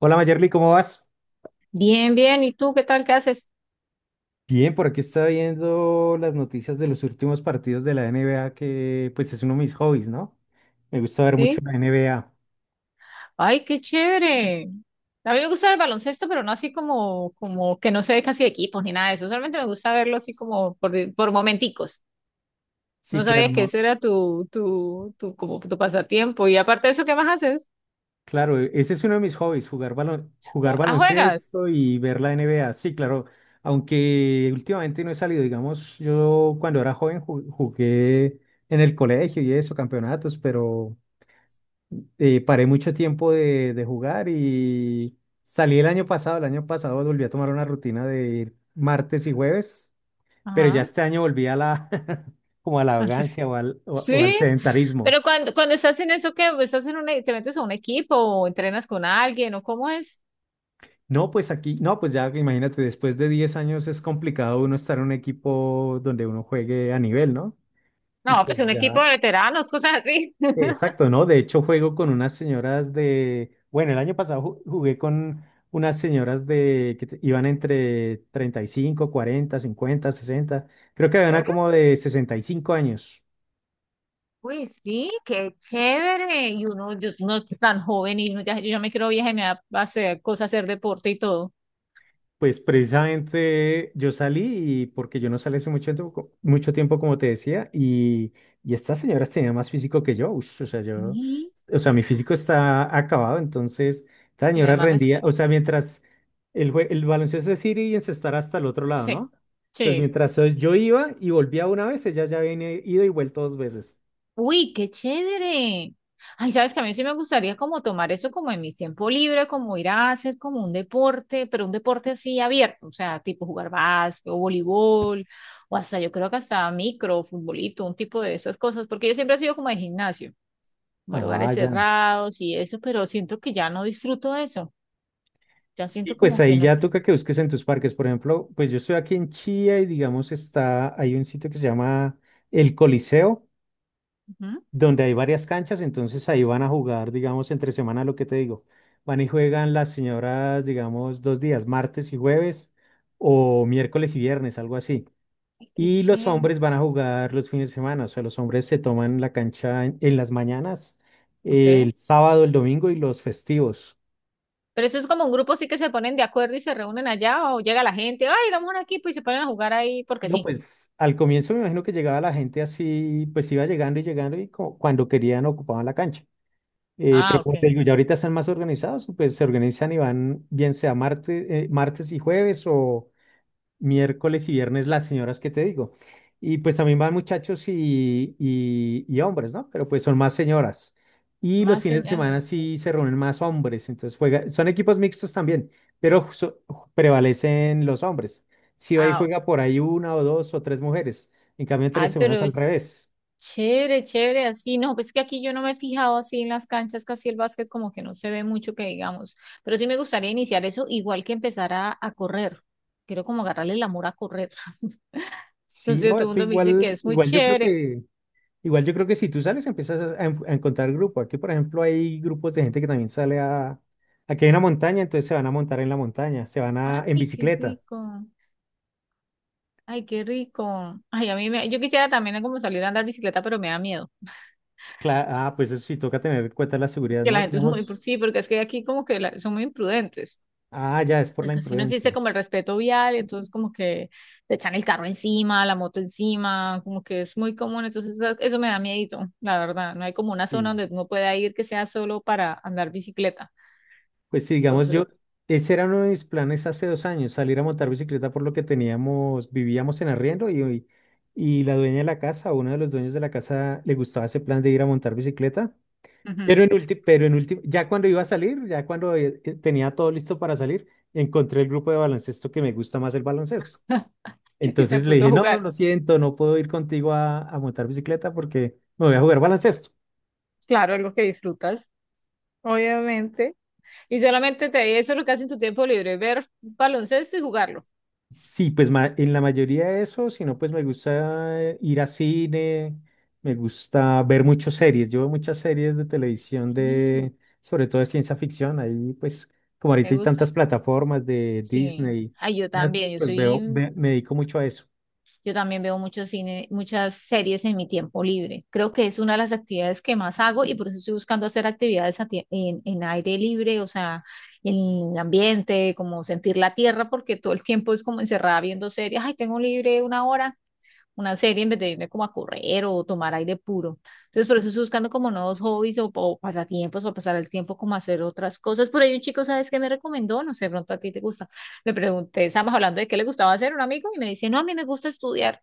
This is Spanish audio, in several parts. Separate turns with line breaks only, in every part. Hola Mayerly, ¿cómo vas?
Bien, bien. ¿Y tú qué tal? ¿Qué haces?
Bien, por aquí estaba viendo las noticias de los últimos partidos de la NBA, que pues es uno de mis hobbies, ¿no? Me gusta ver mucho
Sí.
la NBA.
Ay, qué chévere. A mí me gusta el baloncesto, pero no así como que no se ve casi de equipos ni nada de eso. Solamente me gusta verlo así como por momenticos. No
Sí, claro,
sabía que
no.
ese era tu, como tu pasatiempo. Y aparte de eso, ¿qué más haces?
Claro, ese es uno de mis hobbies, jugar
Oh, ah, juegas.
baloncesto y ver la NBA. Sí, claro, aunque últimamente no he salido, digamos, yo cuando era joven jugué en el colegio y eso, campeonatos, pero paré mucho tiempo de jugar y salí el año pasado. El año pasado volví a tomar una rutina de ir martes y jueves, pero ya
Ajá.
este año volví como a la vagancia o al
Sí,
sedentarismo.
pero cuando estás en eso, ¿qué? Pues, ¿Estás te metes a un equipo o entrenas con alguien o cómo es?
No, pues aquí, no, pues ya imagínate, después de 10 años es complicado uno estar en un equipo donde uno juegue a nivel, ¿no? Y
No, pues
pues
un
ya.
equipo de veteranos, cosas así.
Exacto, ¿no? De hecho, juego con unas señoras de, bueno, el año pasado jugué con unas señoras de que iban entre 35, 40, 50, 60. Creo que había una como de 65 años.
Uy, sí, qué chévere. Y uno, yo, no es tan joven y uno ya, yo ya me quiero vieja y me da a hacer cosas, hacer deporte y todo.
Pues precisamente yo salí y porque yo no salí hace mucho tiempo, mucho tiempo como te decía, y estas señoras tenían más físico que yo, ush, o sea, yo,
Y
o sea, mi físico está acabado, entonces esta señora
tiene más
rendía, o sea,
resistencia.
mientras el baloncesto es ir y encestar hasta el otro lado,
Sí,
¿no? Entonces,
sí.
mientras yo iba y volvía una vez, ella ya había ido y vuelto dos veces.
Uy, qué chévere. Ay, sabes que a mí sí me gustaría como tomar eso como en mi tiempo libre, como ir a hacer como un deporte, pero un deporte así abierto, o sea, tipo jugar básquet o voleibol, o hasta yo creo que hasta micro, futbolito, un tipo de esas cosas, porque yo siempre he sido como de gimnasio. Como
Ah,
lugares
ya.
cerrados y eso, pero siento que ya no disfruto eso. Ya
Sí,
siento
pues
como que
ahí
no es.
ya toca que busques en tus parques. Por ejemplo, pues yo estoy aquí en Chía y digamos hay un sitio que se llama El Coliseo,
Ujú.
donde hay varias canchas, entonces ahí van a jugar, digamos, entre semana lo que te digo. Van y juegan las señoras, digamos, 2 días, martes y jueves, o miércoles y viernes, algo así.
Qué
Y los
chévere.
hombres van a jugar los fines de semana, o sea, los hombres se toman la cancha en las mañanas,
Ok.
el sábado, el domingo y los festivos.
Pero eso es como un grupo sí que se ponen de acuerdo y se reúnen allá o llega la gente, ay, vamos a un equipo y se ponen a jugar ahí porque
No,
sí.
pues al comienzo me imagino que llegaba la gente así, pues iba llegando y llegando y cuando querían ocupaban la cancha.
Ah,
Pero como te
ok.
digo, ya ahorita están más organizados, pues se organizan y van bien sea martes y jueves o, miércoles y viernes las señoras que te digo. Y pues también van muchachos y hombres, ¿no? Pero pues son más señoras. Y los
Más
fines de semana
señales, chévere.
sí se reúnen más hombres, entonces juega, son equipos mixtos también, pero prevalecen los hombres. Si ahí
Ah, ok.
juega por ahí una o dos o tres mujeres, en cambio tres
Ay,
semanas
pero
al revés.
chévere, chévere, así. No, pues que aquí yo no me he fijado así en las canchas, casi el básquet como que no se ve mucho que digamos. Pero sí me gustaría iniciar eso igual que empezar a correr. Quiero como agarrarle el amor a correr. No
Sí,
sé,
no,
todo el
esto
mundo me dice que
igual,
es muy
igual yo creo
chévere.
que Igual yo creo que si tú sales empiezas a encontrar grupos. Aquí, por ejemplo, hay grupos de gente que también sale a. Aquí hay una montaña, entonces se van a montar en la montaña, se van a en
Ay, qué
bicicleta.
rico. Ay, qué rico. Ay, a mí me, yo quisiera también como salir a andar bicicleta, pero me da miedo.
Ah, pues eso sí toca tener en cuenta la seguridad,
Que la
¿no?
gente es muy,
Digamos,
sí, porque es que aquí como que son muy imprudentes.
ah, ya es por
Es
la
que así no existe
imprudencia.
como el respeto vial, entonces como que te echan el carro encima, la moto encima, como que es muy común, entonces eso me da miedito, la verdad. No hay como una zona
Sí.
donde uno pueda ir que sea solo para andar bicicleta.
Pues sí, digamos
Entonces,
ese era uno de mis planes hace 2 años, salir a montar bicicleta por lo que teníamos, vivíamos en arriendo y la dueña de la casa, uno de los dueños de la casa, le gustaba ese plan de ir a montar bicicleta.
ujú.
Pero en último, ya cuando tenía todo listo para salir, encontré el grupo de baloncesto que me gusta más el baloncesto.
Y se
Entonces le
puso a
dije, no,
jugar.
lo siento, no puedo ir contigo a montar bicicleta porque me voy a jugar baloncesto.
Claro, algo que disfrutas, obviamente. Y solamente te eso es lo que haces en tu tiempo libre, ver baloncesto y jugarlo.
Sí, pues en la mayoría de eso, si no, pues me gusta ir a cine, me gusta ver muchas series. Yo veo muchas series de televisión
Mm,
de, sobre todo de ciencia ficción. Ahí, pues, como
¿te
ahorita hay tantas
gusta?
plataformas de
Sí.
Disney,
Ay, yo
Netflix,
también, yo
pues
soy,
me dedico mucho a eso.
yo también veo mucho cine, muchas series en mi tiempo libre. Creo que es una de las actividades que más hago y por eso estoy buscando hacer actividades a en aire libre, o sea, en el ambiente, como sentir la tierra, porque todo el tiempo es como encerrada viendo series. Ay, tengo libre una hora. Una serie en vez de irme como a correr o tomar aire puro. Entonces, por eso estoy buscando como nuevos hobbies o pasatiempos o pasar el tiempo como a hacer otras cosas. Por ahí un chico, ¿sabes qué me recomendó? No sé, pronto a ti te gusta. Le pregunté, estábamos hablando de qué le gustaba hacer un amigo y me dice, no, a mí me gusta estudiar.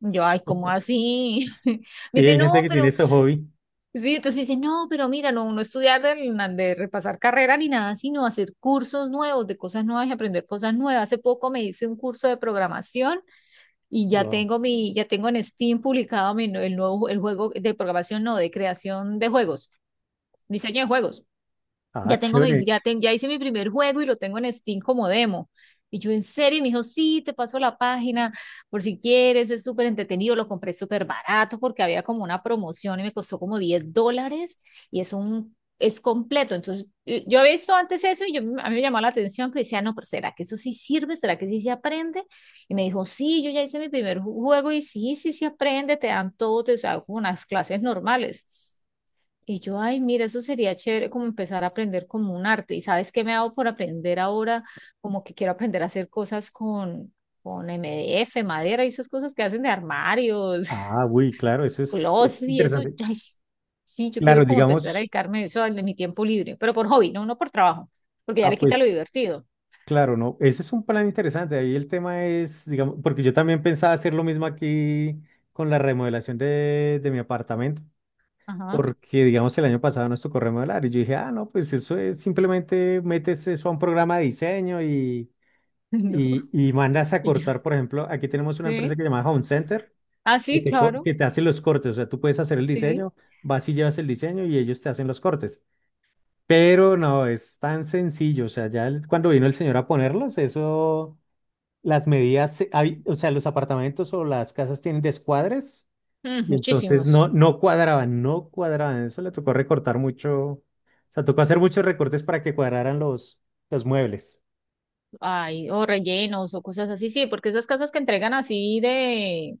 Y yo, ay, ¿cómo así? Me
Sí,
dice,
hay
no,
gente que tiene
pero,
ese hobby.
sí, entonces dice, no, pero mira, no, no estudiar de repasar carrera ni nada, sino hacer cursos nuevos, de cosas nuevas y aprender cosas nuevas. Hace poco me hice un curso de programación y ya
Wow.
tengo mi, ya tengo en Steam publicado mi, el nuevo el juego de programación, no, de creación de juegos, diseño de juegos
Ah,
ya tengo mi,
chévere.
ya hice mi primer juego y lo tengo en Steam como demo. Y yo, en serio, y me dijo, sí, te paso la página por si quieres, es súper entretenido, lo compré súper barato porque había como una promoción y me costó como $10 y es un, es completo. Entonces, yo había visto antes eso y yo, a mí me llamó la atención, pero decía, no, pero ¿será que eso sí sirve? ¿Será que sí se aprende? Y me dijo, sí, yo ya hice mi primer juego y sí, sí se aprende, te dan todo, te dan unas clases normales. Y yo, ay, mira, eso sería chévere como empezar a aprender como un arte. ¿Y sabes qué me hago por aprender ahora? Como que quiero aprender a hacer cosas con MDF, madera y esas cosas que hacen de armarios,
Ah, uy, claro, eso es
closet y eso.
interesante.
Ay, sí, yo
Claro,
quiero como empezar a
digamos,
dedicarme a eso en mi tiempo libre, pero por hobby, no, no por trabajo, porque ya le
ah,
quita lo
pues,
divertido.
claro, no, ese es un plan interesante. Ahí el tema es, digamos, porque yo también pensaba hacer lo mismo aquí con la remodelación de mi apartamento,
Ajá,
porque, digamos, el año pasado nos tocó remodelar y yo dije, ah, no, pues eso es simplemente metes eso a un programa de diseño y,
no,
y, y mandas a
y ya.
cortar, por ejemplo, aquí tenemos una empresa que
Sí.
se llama Home Center,
Ah,
que
sí,
te, co-
claro,
que te hacen los cortes. O sea, tú puedes hacer el
sí.
diseño, vas y llevas el diseño y ellos te hacen los cortes. Pero
Sí.
no, es tan sencillo. O sea, ya cuando vino el señor a ponerlos, eso, las medidas, o sea, los apartamentos o las casas tienen descuadres
Mm,
y entonces
muchísimos.
no cuadraban, no cuadraban. Eso le tocó recortar mucho. O sea, tocó hacer muchos recortes para que cuadraran los muebles.
Ay, o rellenos o cosas así, sí, porque esas casas que entregan así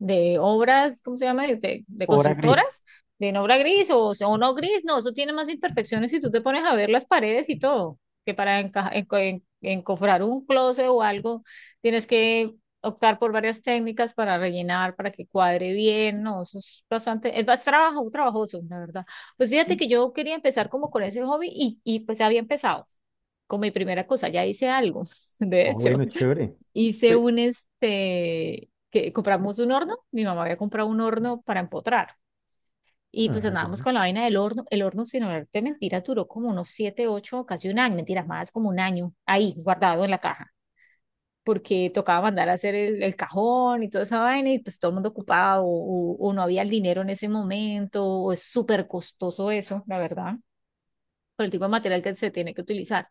de obras, ¿cómo se llama? De, de
Obra
constructoras,
gris.
de en obra gris o no gris, no, eso tiene más imperfecciones si tú te pones a ver las paredes y todo, que para encofrar un closet o algo, tienes que optar por varias técnicas para rellenar, para que cuadre bien, no, eso es bastante, es más trabajo, trabajoso, la verdad. Pues fíjate
Y,
que yo quería empezar como con ese hobby y pues había empezado con mi primera cosa, ya hice algo, de
ah,
hecho
bueno, chévere.
hice
Pe-
un este, que compramos un horno, mi mamá había comprado un horno para empotrar. Y pues
ah, ya.
andábamos con la vaina del horno. El horno, sin olvidarte mentiras, duró como unos siete, ocho, casi un año, mentiras más, como un año ahí, guardado en la caja, porque tocaba mandar a hacer el cajón y toda esa vaina, y pues todo el mundo ocupado, o no había el dinero en ese momento, o es súper costoso eso, la verdad, por el tipo de material que se tiene que utilizar.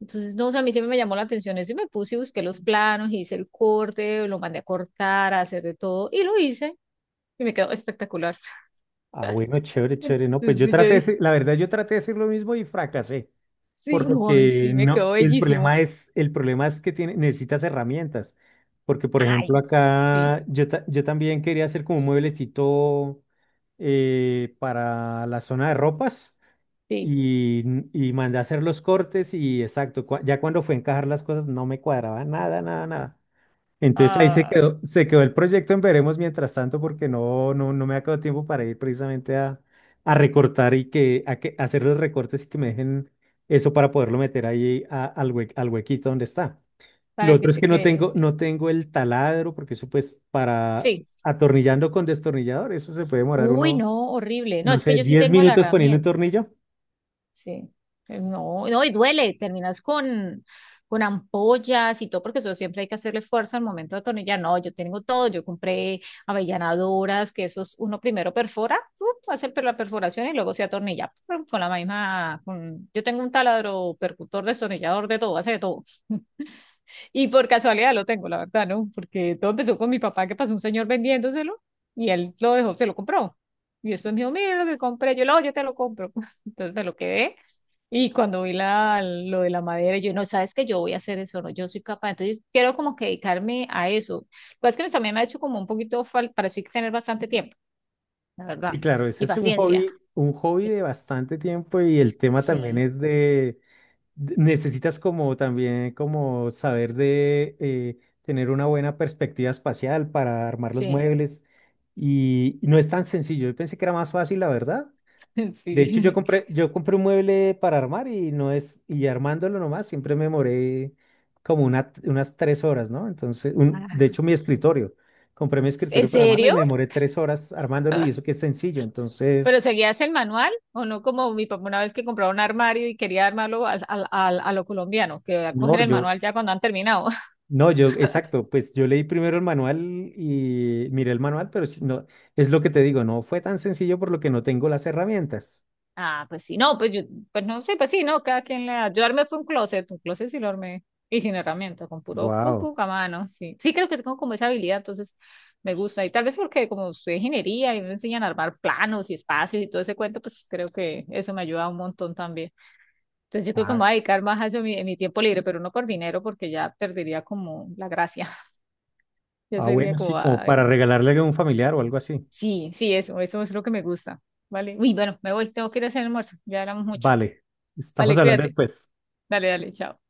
Entonces, no, o sea, a mí siempre me llamó la atención eso y me puse y busqué los planos, hice el corte, lo mandé a cortar, a hacer de todo y lo hice y me quedó espectacular.
Ah, bueno, chévere, chévere. No, pues yo
Entonces yo
traté de
dije,
hacer- la verdad, yo traté de hacer lo mismo y fracasé,
sí,
por lo
no, a mí
que
sí, me
no,
quedó
el
bellísimo.
problema es, el problema es que tiene, necesitas herramientas, porque por
Ay,
ejemplo
sí,
acá yo también quería hacer como un mueblecito para la zona de ropas
sí,
y, y mandé a hacer los cortes y exacto, ya cuando fue a encajar las cosas no me cuadraba nada, nada, nada. Entonces ahí se
ah,
quedó, se quedó el proyecto en veremos mientras tanto porque no, no, no me ha quedado tiempo para ir precisamente a recortar a hacer los recortes y que me dejen eso para poderlo meter ahí al huequito donde está. Lo
para que
otro es
te
que no
quede
tengo,
bien.
no tengo el taladro porque eso pues para
Sí,
atornillando con destornillador, eso se puede demorar
uy,
uno,
no, horrible. No,
no
es que
sé,
yo sí
10
tengo la
minutos poniendo un
herramienta.
tornillo.
Sí, no, no, y duele, terminas con ampollas y todo, porque eso siempre hay que hacerle fuerza al momento de atornillar. No, yo tengo todo, yo compré avellanadoras, que esos uno primero perfora, hace la perforación y luego se atornilla pum, con la misma, con- yo tengo un taladro percutor, destornillador, de todo, hace de todo. Y por casualidad lo tengo, la verdad, ¿no? Porque todo empezó con mi papá, que pasó un señor vendiéndoselo y él lo dejó, se lo compró. Y después me dijo, mira lo que compré, yo lo, yo te lo compro. Entonces me lo quedé y cuando vi la, lo de la madera, yo no, sabes que yo voy a hacer eso, no, yo soy capaz. Entonces, quiero como que dedicarme a eso. Lo que es que también me ha hecho como un poquito falta, para eso hay que tener bastante tiempo, la
Sí,
verdad,
claro,
y
ese es un
paciencia.
hobby, un hobby
Y-
de bastante tiempo y el tema también
sí,
es de Necesitas como también como saber de tener una buena perspectiva espacial para armar los
sí,
muebles y no es tan sencillo. Yo pensé que era más fácil, la verdad. De hecho, yo
sí.
compré, yo compré un mueble para armar y no es, y armándolo nomás, siempre me demoré como unas 3 horas, ¿no? Entonces, de
Ah,
hecho, mi escritorio, compré mi
¿En
escritorio para armarlo y
serio?
me demoré 3 horas armándolo y eso que es sencillo.
¿Pero
Entonces,
seguías el manual o no como mi papá una vez que compraba un armario y quería armarlo a lo colombiano, que
no,
cogen el
yo
manual ya cuando han terminado?
No, yo, exacto, pues yo leí primero el manual y miré el manual, pero sí, no, es lo que te digo, no fue tan sencillo por lo que no tengo las herramientas.
Ah, pues sí, no, pues yo, pues no sé, pues sí, no, cada quien le da. Yo armé fue un closet sí lo armé, y sin herramienta, con puro
Wow.
a mano, sí. Sí, creo que sí tengo como esa habilidad, entonces me gusta, y tal vez porque como estudié ingeniería y me enseñan a armar planos y espacios y todo ese cuento, pues creo que eso me ayuda un montón también. Entonces yo creo que me
Ah,
voy a dedicar más a eso en mi tiempo libre, pero no por dinero, porque ya perdería como la gracia, ya
ah,
sería
bueno, sí,
como,
como
ay,
para
no.
regalarle a un familiar o algo así.
Sí, sí, eso es lo que me gusta, ¿vale? Uy, bueno, me voy, tengo que ir a hacer almuerzo, ya hablamos mucho.
Vale, estamos
Vale,
hablando
cuídate.
después.
Dale, dale, chao.